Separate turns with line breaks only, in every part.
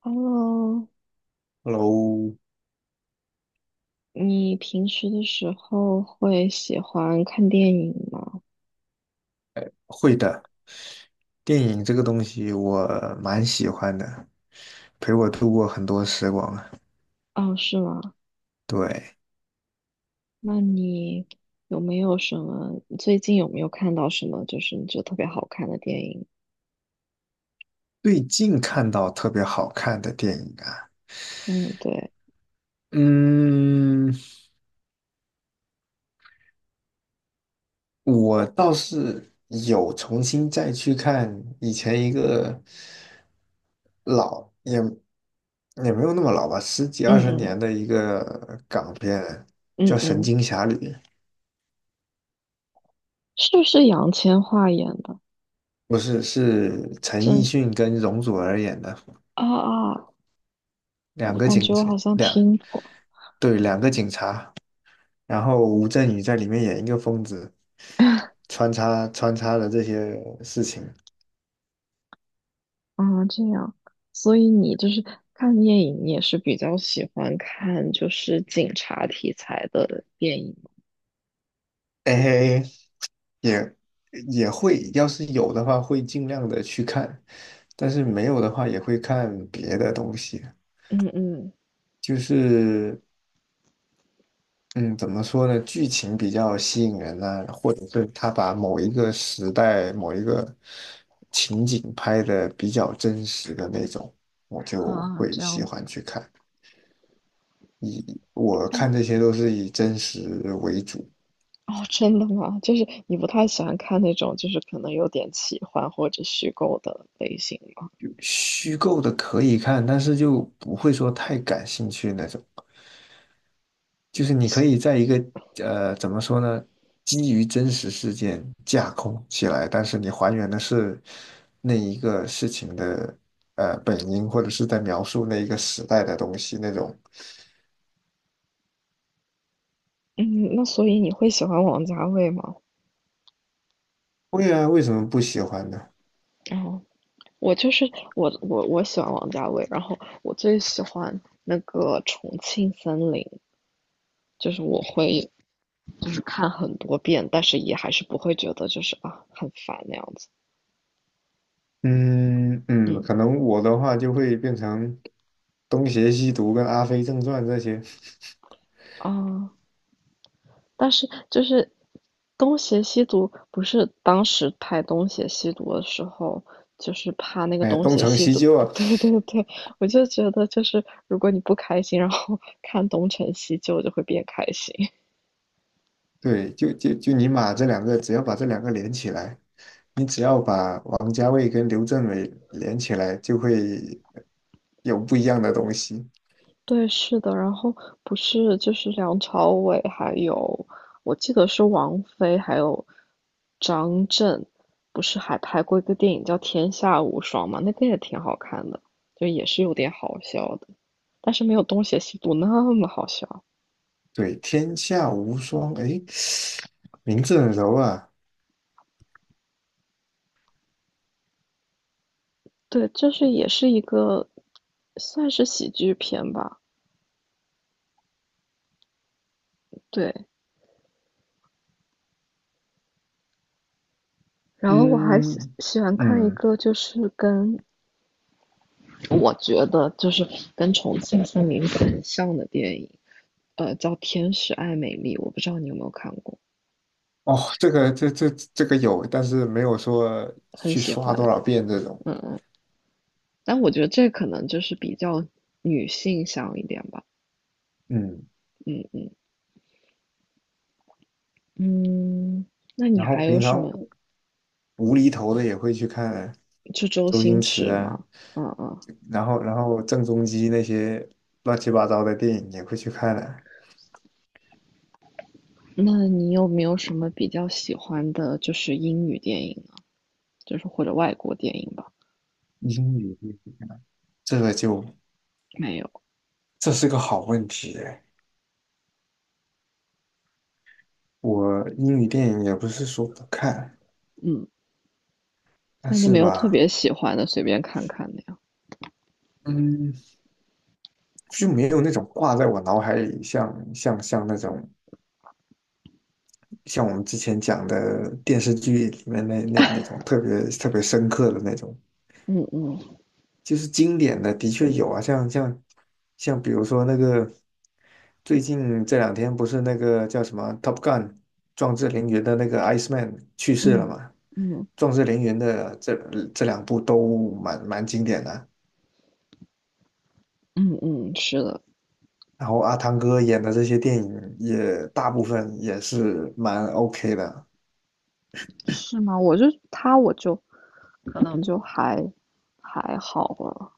Hello，
Hello，
你平时的时候会喜欢看电影吗？
会的，电影这个东西我蛮喜欢的，陪我度过很多时光啊。
哦，是吗？
对，
那你有没有什么，最近有没有看到什么就是你觉得特别好看的电影？
最近看到特别好看的电影啊，
嗯，对，
嗯，我倒是有重新再去看以前一个老，也也没有那么老吧，十几
嗯
二十年
嗯
的一个港片，
嗯
叫《神
嗯，
经侠侣》，
是不是杨千嬅演的？
不是，是陈奕
真是
迅跟容祖儿演的。
啊啊，
两
我
个
感觉
警
我
察，
好像
两，
听过。
对，两个警察，然后吴镇宇在里面演一个疯子，穿插了这些事情。
啊，这样，所以你就是看电影，你也是比较喜欢看就是警察题材的电影吗？
哎嘿嘿，也也会，要是有的话会尽量的去看，但是没有的话也会看别的东西。
嗯嗯。
就是嗯，怎么说呢，剧情比较吸引人啊，或者是他把某一个时代某一个情景拍的比较真实的那种，我就
啊，
会
这
喜
样子，
欢去看。我
但
看这些都是以真实为主，
哦，真的吗？就是你不太喜欢看那种就是可能有点奇幻或者虚构的类型吗？
虚构的可以看，但是就不会说太感兴趣那种。就是你可以在一个怎么说呢，基于真实事件架空起来，但是你还原的是那一个事情的本因，或者是在描述那一个时代的东西那种。
嗯，那所以你会喜欢王家卫吗？
会啊，为什么不喜欢呢？
哦，我就是我喜欢王家卫，然后我最喜欢那个《重庆森林》，就是我会就是看很多遍，但是也还是不会觉得就是啊很烦那样子。
嗯嗯，可
嗯
能我的话就会变成东邪西毒跟阿飞正传这些。
啊。但是就是东邪西毒，不是当时拍东邪西毒的时候，就是怕那个
哎，
东
东
邪
成
西
西
毒，
就 啊，
对对对，我就觉得就是如果你不开心，然后 看东成西就，就会变开心。
对，就你把这两个，只要把这两个连起来，你只要把王家卫跟刘镇伟连起来，就会有不一样的东西。
对，是的，然后不是就是梁朝伟，还有我记得是王菲，还有张震，不是还拍过一个电影叫《天下无双》吗？那个也挺好看的，就也是有点好笑的，但是没有《东邪西毒》那么好笑。
对，天下无双，哎，名字很柔啊。
对，就是也是一个算是喜剧片吧。对，然后我还喜
嗯
喜欢看一
嗯。
个就是跟我觉得就是跟重庆森林很像的电影，叫《天使爱美丽》，我不知道你有没有看过，
哦，这个有，但是没有说
很
去
喜
刷多
欢。
少遍这种。
但我觉得这可能就是比较女性向一点吧。
嗯，
嗯嗯，那你
然后
还有
平
什
常
么？
无厘头的也会去看
就周
周
星
星驰
驰
啊。
吗？嗯嗯，
然后郑中基那些乱七八糟的电影也会去看的。
那你有没有什么比较喜欢的，就是英语电影呢？就是或者外国电影吧？
英语这个就
没有，
这是个好问题哎。我英语电影也不是说不看，
嗯，
但
但就
是
没有特
吧，
别喜欢的，随便看看的呀。
嗯，就没有那种挂在我脑海里像那种像我们之前讲的电视剧里面那种特别特别深刻的那种。
嗯嗯
就是经典的，的确有啊，像比如说那个最近这两天不是那个叫什么《Top Gun》壮志凌云的那个 Iceman 去世了
嗯
嘛？
嗯。
壮志凌云的这两部都蛮经典的，
嗯嗯，是的，
然后阿汤哥演的这些电影也大部分也是蛮 OK 的，
是吗？我就他，我就可能就还好了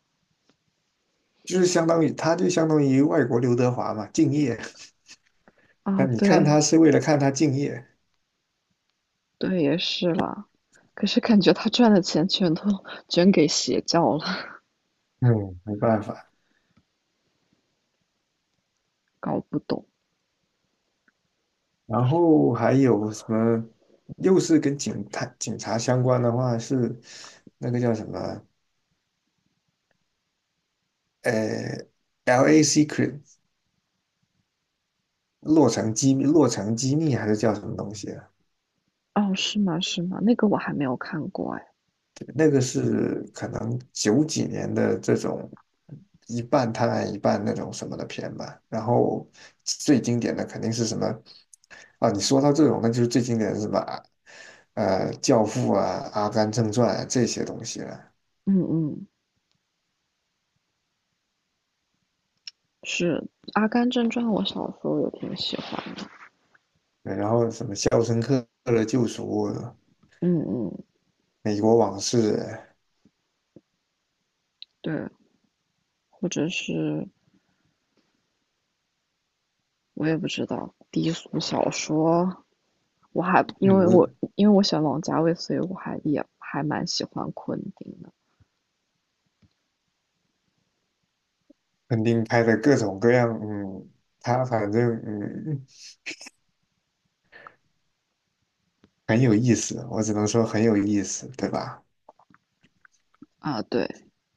就是相当于他就相当于外国刘德华嘛，敬业。那
啊。
你看
对
他是为了看他敬业。
对，也是啦。可是感觉他赚的钱全都捐给邪教了，
嗯，没办法。
搞不懂。
然后还有什么，又是跟警探、警察相关的话，是那个叫什么？呃，L.A. Secret 落成机密，洛城机密还是叫什么东西啊？
哦，是吗？是吗？那个我还没有看过哎。
对，那个是可能九几年的这种一半探案一半那种什么的片吧。然后最经典的肯定是什么？啊，你说到这种，那就是最经典的是什么啊？《教父》啊，《阿甘正传》啊，这些东西了。
嗯嗯，是《阿甘正传》，我小时候也挺喜欢的。
对，然后什么《肖申克的救赎》
嗯嗯，
《美国往事》。
对，或者是我也不知道低俗小说，我还因为我
嗯，
因为我喜欢王家卫，所以我还也还蛮喜欢昆汀的
肯定拍的各种各样，他反正很有意思，我只能说很有意思，对吧？
啊。对，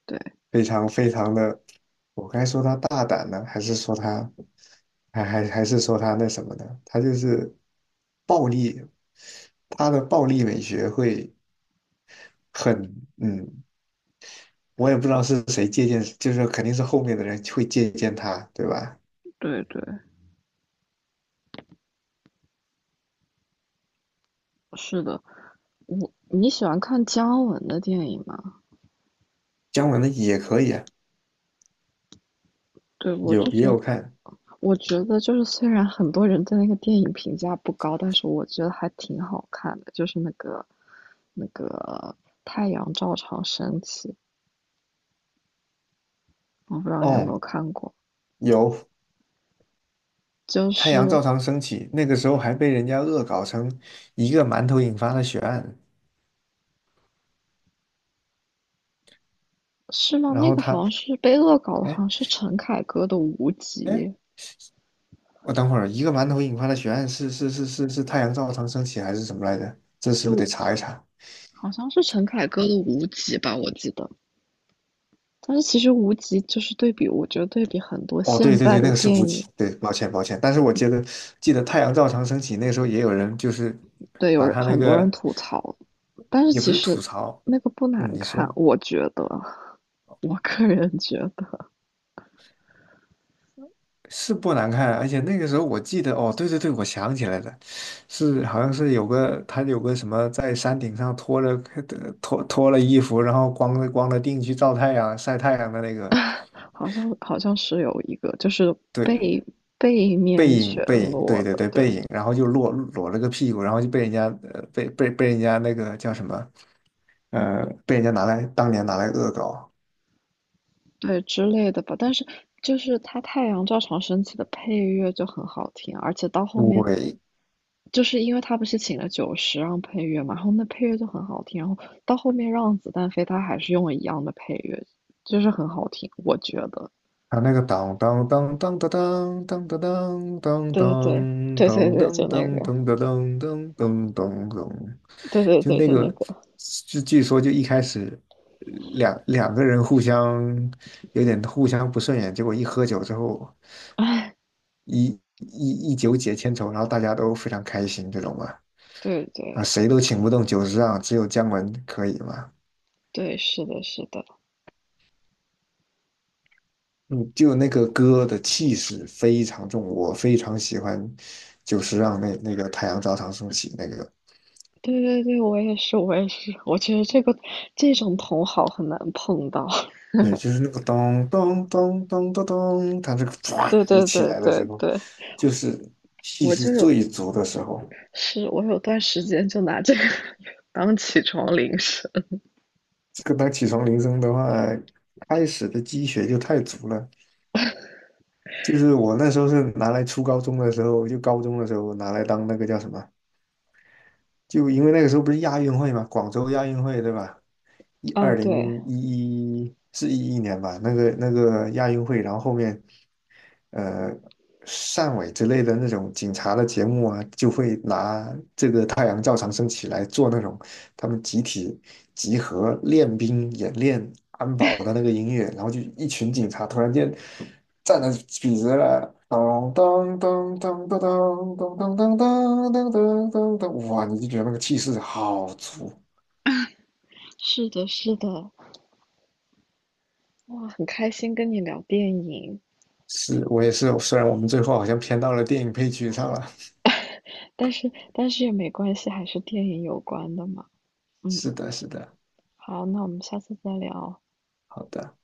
对，
非常非常的，我该说他大胆呢，还是说他，还是说他那什么的？他就是暴力，他的暴力美学会很，嗯，我也不知道是谁借鉴，就是肯定是后面的人会借鉴他，对吧？
对，对，是的。我你喜欢看姜文的电影吗？
姜文的也可以啊，
对，我
有
就
也
觉
有
得，
看。
我觉得就是虽然很多人对那个电影评价不高，但是我觉得还挺好看的，就是那个太阳照常升起，我不知道你有没
哦，
有看过，
有，
就
太阳
是
照常升起那个时候还被人家恶搞成一个馒头引发的血案。
是吗？
然
那
后
个好
他，
像是被恶搞的，好
哎
像是陈凯歌的无
哎，
极，
我等会儿一个馒头引发的血案是太阳照常升起还是什么来着？这是不是
是
得查一查？
好像是陈凯歌的《无极》吧，我记得。但是其实《无极》就是对比，我觉得对比很多
哦，
现
对对
在
对，那
的
个是
电
吴奇，
影，
对，抱歉抱歉，但是我记得太阳照常升起那时候也有人就是
对，有
把
人
他那
很多人
个
吐槽，但是
也不
其
是
实
吐槽。
那个不
嗯，
难
你
看，
说。
我觉得，我个人觉得，
是不难看，而且那个时候我记得，哦，对对对，我想起来了，是好像是有个他有个什么在山顶上脱了 脱了衣服，然后光着腚去照太阳晒太阳的那个，
好像是有一个就是
对，
背背
背
面
影
全
背影，
裸
对对
的，
对
对
背影，然后就裸了个屁股，然后就被人家被人家那个叫什么被人家拿来当年拿来恶搞。
对之类的吧。但是就是它太阳照常升起的配乐就很好听，而且到后面
对，
就是因为他不是请了九十让配乐嘛，然后那配乐就很好听，然后到后面让子弹飞，他还是用了一样的配乐，就是很好听，我觉得。
他那个当当当当当当当当当当
对对对
当当
对对
当
对，就
当
那
当
个，
当当当当当，
对对
就
对，
那
就那
个，
个，
就据说就一开始两个人互相有点互相不顺眼，结果一喝酒之后一一酒解千愁，然后大家都非常开心这种嘛。
对
啊，
对
谁都请不动酒桌上，只有姜文可以嘛。
对，是的，是的，
嗯，就那个歌的气势非常重，我非常喜欢就是让那个《太阳照常升起》那个，
对对对，我也是，我也是，我觉得这个这种同好很难碰到。
对，就是那个咚咚咚咚咚咚，它这个唰
对
一
对
起
对
来的
对
时候，
对，
就是气
我
势
就是
最足的时候。
是我有段时间就拿这个 当起床铃声。
这个当起床铃声的话，开始的积雪就太足了。就是我那时候是拿来初高中的时候，就高中的时候拿来当那个叫什么，就因为那个时候不是亚运会嘛，广州亚运会对吧？一
啊，
二
对，
零一一是11年吧，那个那个亚运会，然后后面，呃，汕尾之类的那种警察的节目啊，就会拿这个太阳照常升起来做那种他们集体集合练兵演练安保的那个音乐，然后就一群警察突然间。站得笔直了。当当当当当当当当当当当当当当，哇！你就觉得那个气势好足。
是的，是的，哇，很开心跟你聊电影，
是我也是，虽然我们最后好像偏到了电影配角上了。
但是也没关系，还是电影有关的嘛。嗯，
是的，是的。
好，那我们下次再聊。
好的。